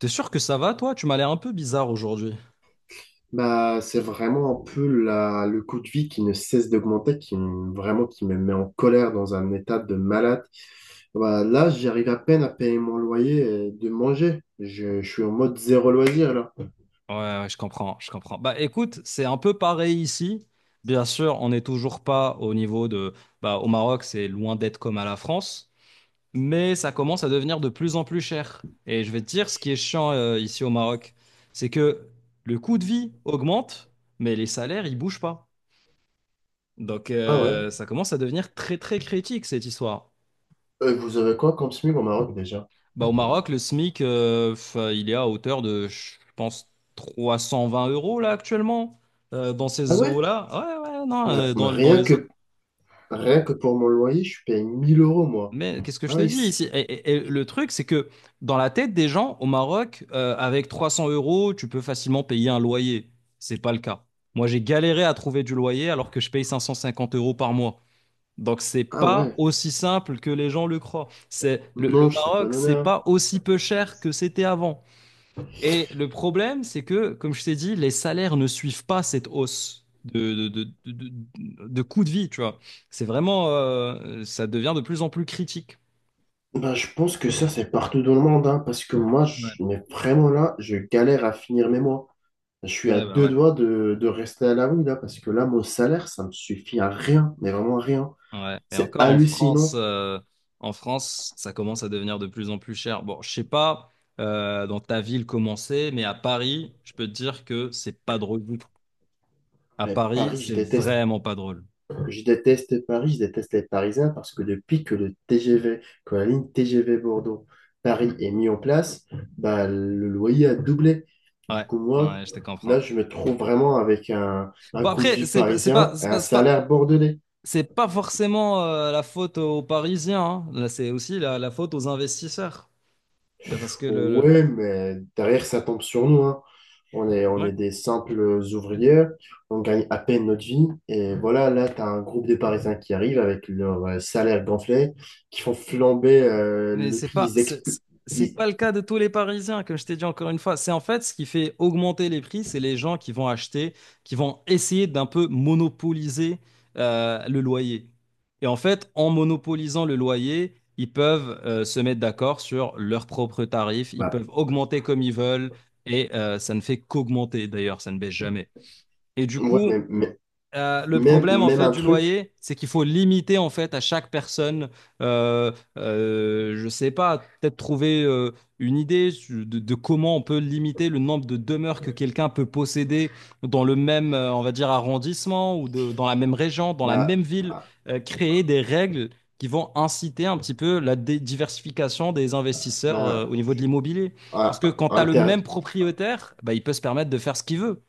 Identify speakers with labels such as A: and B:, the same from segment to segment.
A: T'es sûr que ça va, toi? Tu m'as l'air un peu bizarre aujourd'hui.
B: C'est vraiment un peu le coût de vie qui ne cesse d'augmenter, vraiment qui me met en colère dans un état de malade. Bah, là, j'arrive à peine à payer mon loyer et de manger. Je suis en mode zéro loisir là.
A: Ouais, je comprends. Bah écoute, c'est un peu pareil ici. Bien sûr, on n'est toujours pas au niveau de... Bah au Maroc, c'est loin d'être comme à la France, mais ça commence à devenir de plus en plus cher. Et je vais te dire, ce qui est chiant ici au Maroc, c'est que le coût de vie augmente, mais les salaires, ils bougent pas. Donc
B: Ah ouais.
A: ça commence à devenir très très critique, cette histoire.
B: Vous avez quoi comme SMIC au Maroc déjà?
A: Bah, au Maroc, le SMIC, il est à hauteur de, je pense, 320 euros là actuellement, dans
B: Ah
A: ces
B: ouais?
A: eaux-là. Ouais, ouais, non,
B: Bah, bah,
A: dans, dans
B: rien
A: les autres.
B: que, rien que pour mon loyer, je paye 1 000 € moi.
A: Mais qu'est-ce que je te
B: Ah,
A: dis ici? Et le truc, c'est que dans la tête des gens, au Maroc, avec 300 euros, tu peux facilement payer un loyer. C'est pas le cas. Moi, j'ai galéré à trouver du loyer alors que je paye 550 euros par mois. Donc, c'est
B: ah
A: pas
B: ouais.
A: aussi simple que les gens le croient. Le
B: Non, je sais pas
A: Maroc,
B: donner,
A: c'est
B: hein.
A: pas aussi peu cher que c'était avant. Et le problème, c'est que, comme je t'ai dit, les salaires ne suivent pas cette hausse de coût de vie, tu vois. C'est vraiment, ça devient de plus en plus critique.
B: Ben, je pense que ça, c'est partout dans le monde, hein, parce que
A: Ouais,
B: mais vraiment là, je galère à finir mes mois. Je suis à
A: ouais, bah
B: deux
A: ouais.
B: doigts de rester à la rue, là, parce que là, mon salaire, ça me suffit à rien, mais vraiment rien.
A: Ouais. Et
B: C'est
A: encore en France,
B: hallucinant.
A: en France, ça commence à devenir de plus en plus cher. Bon, je sais pas dans ta ville comment c'est, mais à Paris, je peux te dire que c'est pas drôle du tout. À
B: Mais
A: Paris,
B: Paris, je
A: c'est
B: déteste.
A: vraiment pas drôle.
B: Je déteste Paris, je déteste les Parisiens, parce que depuis que la ligne TGV Bordeaux-Paris est mise en place, bah, le loyer a doublé. Du
A: Ouais,
B: coup, moi,
A: ouais, je te
B: là,
A: comprends.
B: je me trouve vraiment avec un
A: Bon
B: coût de
A: après,
B: vie
A: c'est pas, c'est pas,
B: parisien et
A: c'est
B: un
A: pas, c'est pas
B: salaire bordelais.
A: C'est pas forcément la faute aux Parisiens, hein. Là, c'est aussi la faute aux investisseurs. Parce que le-
B: Ouais, mais derrière, ça tombe sur nous, hein. On
A: Ouais.
B: est des simples ouvriers, on gagne à peine notre vie. Et voilà, là, tu as un groupe de Parisiens qui arrivent avec leur salaire gonflé, qui font flamber
A: Mais
B: le prix. Ils expl-
A: c'est
B: ils-
A: pas le cas de tous les Parisiens, comme je t'ai dit encore une fois. C'est en fait ce qui fait augmenter les prix, c'est les gens qui vont acheter, qui vont essayer d'un peu monopoliser le loyer. Et en fait, en monopolisant le loyer, ils peuvent se mettre d'accord sur leurs propres tarifs, ils
B: bah,
A: peuvent augmenter comme ils veulent, et ça ne fait qu'augmenter d'ailleurs, ça ne baisse jamais. Et du
B: ouais,
A: coup,
B: mais-
A: Euh, le
B: même,
A: problème en
B: même
A: fait
B: un
A: du
B: truc
A: loyer, c'est qu'il faut limiter en fait à chaque personne. Je sais pas, peut-être trouver une idée de comment on peut limiter le nombre de demeures que quelqu'un peut posséder dans le même, on va dire arrondissement ou dans la même région, dans la même
B: m'a
A: ville.
B: bah,
A: Créer des règles qui vont inciter un petit peu la diversification des investisseurs
B: bah,
A: au niveau de l'immobilier. Parce que quand tu as le même
B: ah,
A: propriétaire, bah, il peut se permettre de faire ce qu'il veut.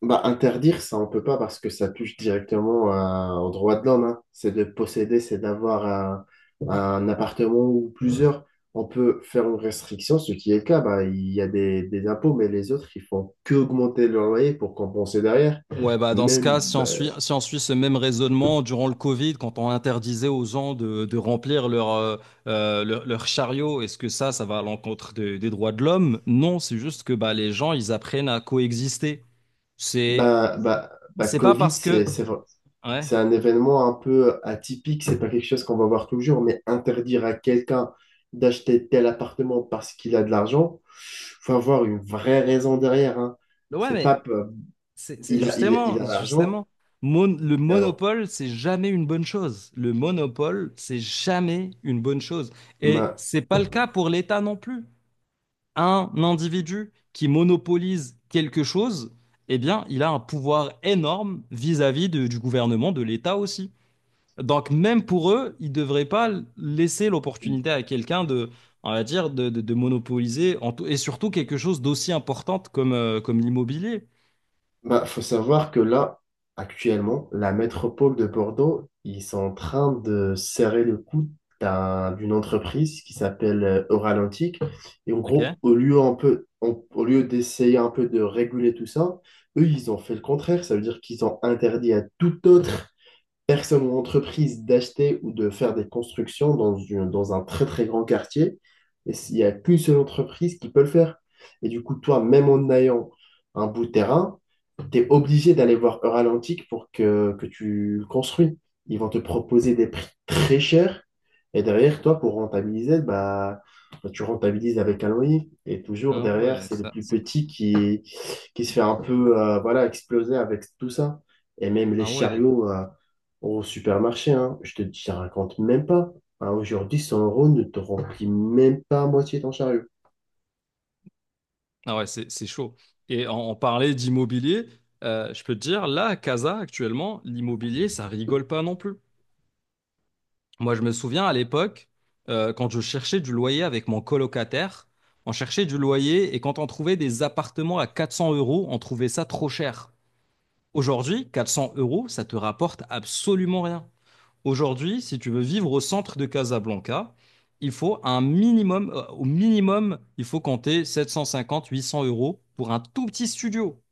B: bah, interdire, ça, on peut pas parce que ça touche directement aux droits de l'homme, hein. C'est de posséder, c'est un appartement ou plusieurs. On peut faire une restriction, ce qui est le cas. Bah, il y a des impôts, mais les autres, ils font que augmenter leur loyer pour compenser derrière.
A: Ouais, bah dans ce
B: Même,
A: cas, si on
B: bah,
A: suit, si on suit ce même raisonnement durant le Covid, quand on interdisait aux gens de remplir leur, leur chariot, est-ce que ça va à l'encontre des droits de l'homme? Non, c'est juste que bah, les gens, ils apprennent à coexister. C'est,
B: bah, bah, bah,
A: c'est pas
B: Covid,
A: parce que... Ouais,
B: c'est un événement un peu atypique, c'est pas quelque chose qu'on va voir toujours, mais interdire à quelqu'un d'acheter tel appartement parce qu'il a de l'argent, faut avoir une vraie raison derrière, hein.
A: ouais,
B: C'est
A: mais
B: pas,
A: c'est
B: il a, il, a il
A: justement,
B: a l'argent,
A: justement, le
B: alors,
A: monopole, c'est jamais une bonne chose. Le monopole, c'est jamais une bonne chose. Et c'est pas le cas pour l'État non plus. Un individu qui monopolise quelque chose, eh bien, il a un pouvoir énorme vis-à-vis du gouvernement, de l'État aussi. Donc, même pour eux, ils ne devraient pas laisser l'opportunité à quelqu'un de, on va dire, de monopoliser, et surtout quelque chose d'aussi importante comme, comme l'immobilier.
B: bah, faut savoir que là, actuellement, la métropole de Bordeaux, ils sont en train de serrer le coude d'une entreprise qui s'appelle Oralantic. Et en
A: Ok.
B: gros, au lieu d'essayer un peu de réguler tout ça, eux, ils ont fait le contraire. Ça veut dire qu'ils ont interdit à toute autre personne ou entreprise d'acheter ou de faire des constructions dans un très très grand quartier. Et s'il n'y a qu'une seule entreprise qui peut le faire. Et du coup, toi, même en ayant un bout de terrain, tu es obligé d'aller voir Euralantic pour que tu le construis. Ils vont te proposer des prix très chers. Et derrière, toi, pour rentabiliser, tu rentabilises avec un loyer. Et toujours
A: Ah
B: derrière,
A: ouais,
B: c'est le
A: ça,
B: plus
A: ça-
B: petit qui se fait un peu voilà, exploser avec tout ça. Et même les
A: ah ouais,
B: chariots, au supermarché, hein, je te dis, je te raconte même pas. Hein, aujourd'hui, 100 € ne te remplit même pas à moitié ton chariot.
A: ah ouais, c'est chaud. Et on parlait d'immobilier, je peux te dire, là, à Casa, actuellement, l'immobilier, ça rigole pas non plus. Moi, je me souviens à l'époque, quand je cherchais du loyer avec mon colocataire, on cherchait du loyer et quand on trouvait des appartements à 400 euros, on trouvait ça trop cher. Aujourd'hui, 400 euros, ça te rapporte absolument rien. Aujourd'hui, si tu veux vivre au centre de Casablanca, il faut un minimum, au minimum, il faut compter 750-800 euros pour un tout petit studio.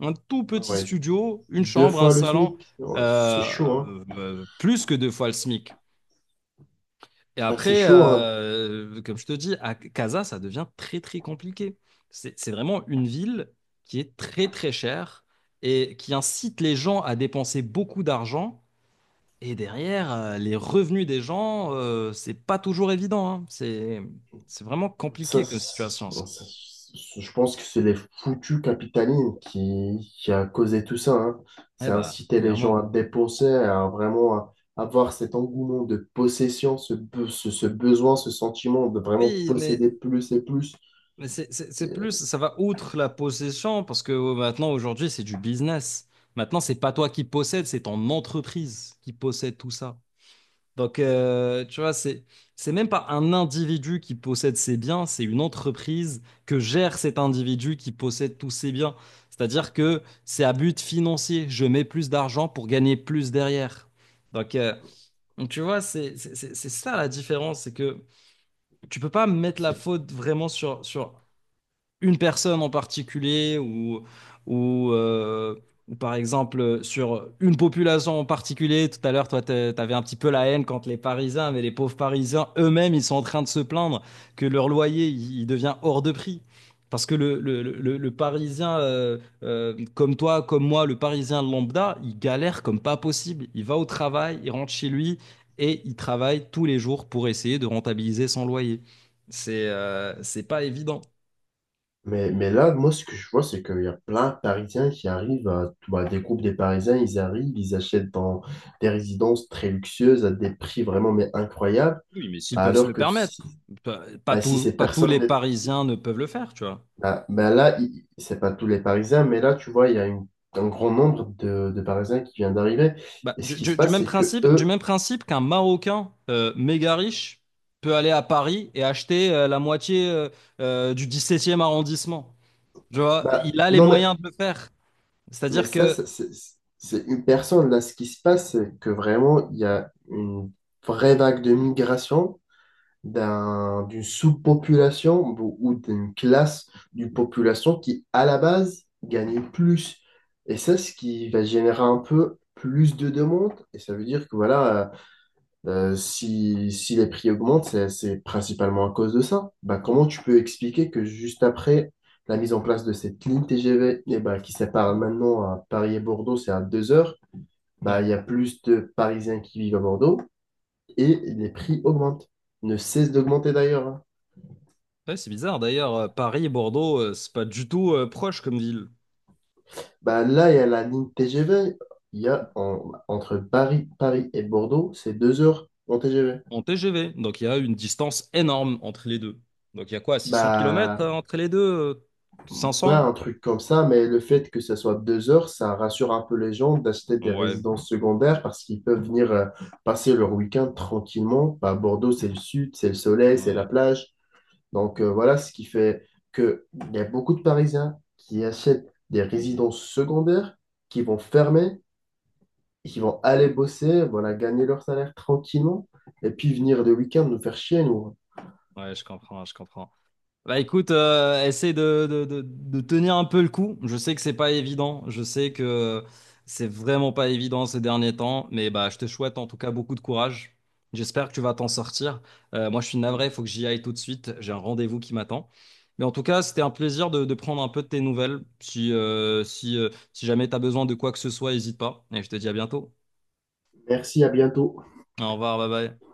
A: Un tout petit
B: Ouais,
A: studio, une
B: deux
A: chambre, un
B: fois le
A: salon,
B: SMIC. Ouais, c'est chaud, hein.
A: plus que deux fois le SMIC. Et
B: Ah, c'est
A: après,
B: chaud, hein.
A: comme je te dis, à Casa, ça devient très très compliqué. C'est vraiment une ville qui est très très chère et qui incite les gens à dépenser beaucoup d'argent. Et derrière, les revenus des gens, c'est pas toujours évident, hein. C'est vraiment
B: Ça,
A: compliqué comme situation,
B: ça-
A: ça.
B: ça- je pense que c'est les foutus capitalisme qui a causé tout ça, hein.
A: Eh
B: C'est
A: bah,
B: inciter les gens
A: clairement.
B: à dépenser, à vraiment avoir cet engouement de possession, ce besoin, ce sentiment de vraiment
A: Oui,
B: posséder plus et plus.
A: mais c'est
B: Et
A: plus, ça va outre la possession parce que maintenant, aujourd'hui, c'est du business. Maintenant, c'est pas toi qui possèdes, c'est ton entreprise qui possède tout ça. Donc, tu vois, c'est même pas un individu qui possède ses biens, c'est une entreprise que gère cet individu qui possède tous ses biens. C'est-à-dire que c'est à but financier. Je mets plus d'argent pour gagner plus derrière. Donc, euh, donc, tu vois, c'est ça la différence. C'est que tu peux pas mettre la
B: C'est
A: faute vraiment sur une personne en particulier ou, ou, euh, ou par exemple sur une population en particulier. Tout à l'heure, toi, t'avais un petit peu la haine contre les Parisiens, mais les pauvres Parisiens eux-mêmes, ils sont en train de se plaindre que leur loyer, il devient hors de prix. Parce que le Parisien, comme toi, comme moi, le Parisien lambda, il galère comme pas possible. Il va au travail, il rentre chez lui et il travaille tous les jours pour essayer de rentabiliser son loyer. C'est pas évident.
B: Mais là, moi, ce que je vois, c'est qu'il y a plein de Parisiens qui arrivent à, bah, des groupes des Parisiens, ils arrivent, ils achètent dans des résidences très luxueuses à des prix vraiment mais incroyables,
A: Oui, mais s'ils peuvent se
B: alors
A: le
B: que
A: permettre,
B: si, bah, si ces
A: pas tous
B: personnes,
A: les
B: n'est-
A: Parisiens ne peuvent le faire, tu vois.
B: bah, bah là, c'est pas tous les Parisiens, mais là, tu vois, il y a un grand nombre de Parisiens qui viennent d'arriver,
A: Bah,
B: et ce qui se passe, c'est que
A: du
B: eux,
A: même principe qu'un Marocain méga riche peut aller à Paris et acheter euh, la moitié du 17e arrondissement. Tu vois,
B: bah,
A: il a les
B: non,
A: moyens de le faire.
B: mais
A: C'est-à-dire
B: ça,
A: que...
B: ça, c'est une personne, là, ce qui se passe, c'est que vraiment, il y a une vraie vague de migration d'une sous-population ou d'une classe d'une population qui, à la base, gagne plus. Et ça, ce qui va générer un peu plus de demandes. Et ça veut dire que voilà, si les prix augmentent, c'est principalement à cause de ça. Bah, comment tu peux expliquer que juste après la mise en place de cette ligne TGV eh ben, qui sépare maintenant à Paris et Bordeaux, c'est à 2 heures, bah,
A: Ouais,
B: il y a plus de Parisiens qui vivent à Bordeaux et les prix augmentent. Ne cessent d'augmenter d'ailleurs, hein.
A: Ouais, c'est bizarre. D'ailleurs, Paris et Bordeaux, c'est pas du tout proche comme ville
B: Bah là, il y a la ligne TGV. Il y a entre Paris et Bordeaux, c'est 2 heures en TGV.
A: en TGV. Donc il y a une distance énorme entre les deux. Donc il y a quoi, 600 kilomètres
B: Bah,
A: entre les deux? Cinq
B: ouais,
A: cents
B: un truc comme ça, mais le fait que ça soit 2 heures, ça rassure un peu les gens d'acheter des
A: Ouais.
B: résidences secondaires parce qu'ils peuvent venir passer leur week-end tranquillement. Bah, Bordeaux, c'est le sud, c'est le soleil, c'est
A: Ouais.
B: la plage. Donc voilà ce qui fait que il y a beaucoup de Parisiens qui achètent des résidences secondaires qui vont fermer qui vont aller bosser, voilà, gagner leur salaire tranquillement, et puis venir le week-end nous faire chier, nous.
A: Ouais, je comprends. Bah écoute, essaie de tenir un peu le coup. Je sais que c'est pas évident. Je sais que c'est vraiment pas évident ces derniers temps. Mais bah je te souhaite en tout cas beaucoup de courage. J'espère que tu vas t'en sortir. Moi, je suis navré, il faut que j'y aille tout de suite. J'ai un rendez-vous qui m'attend. Mais en tout cas, c'était un plaisir de prendre un peu de tes nouvelles. Si jamais tu as besoin de quoi que ce soit, n'hésite pas. Et je te dis à bientôt.
B: Merci, à bientôt.
A: Au revoir, bye bye.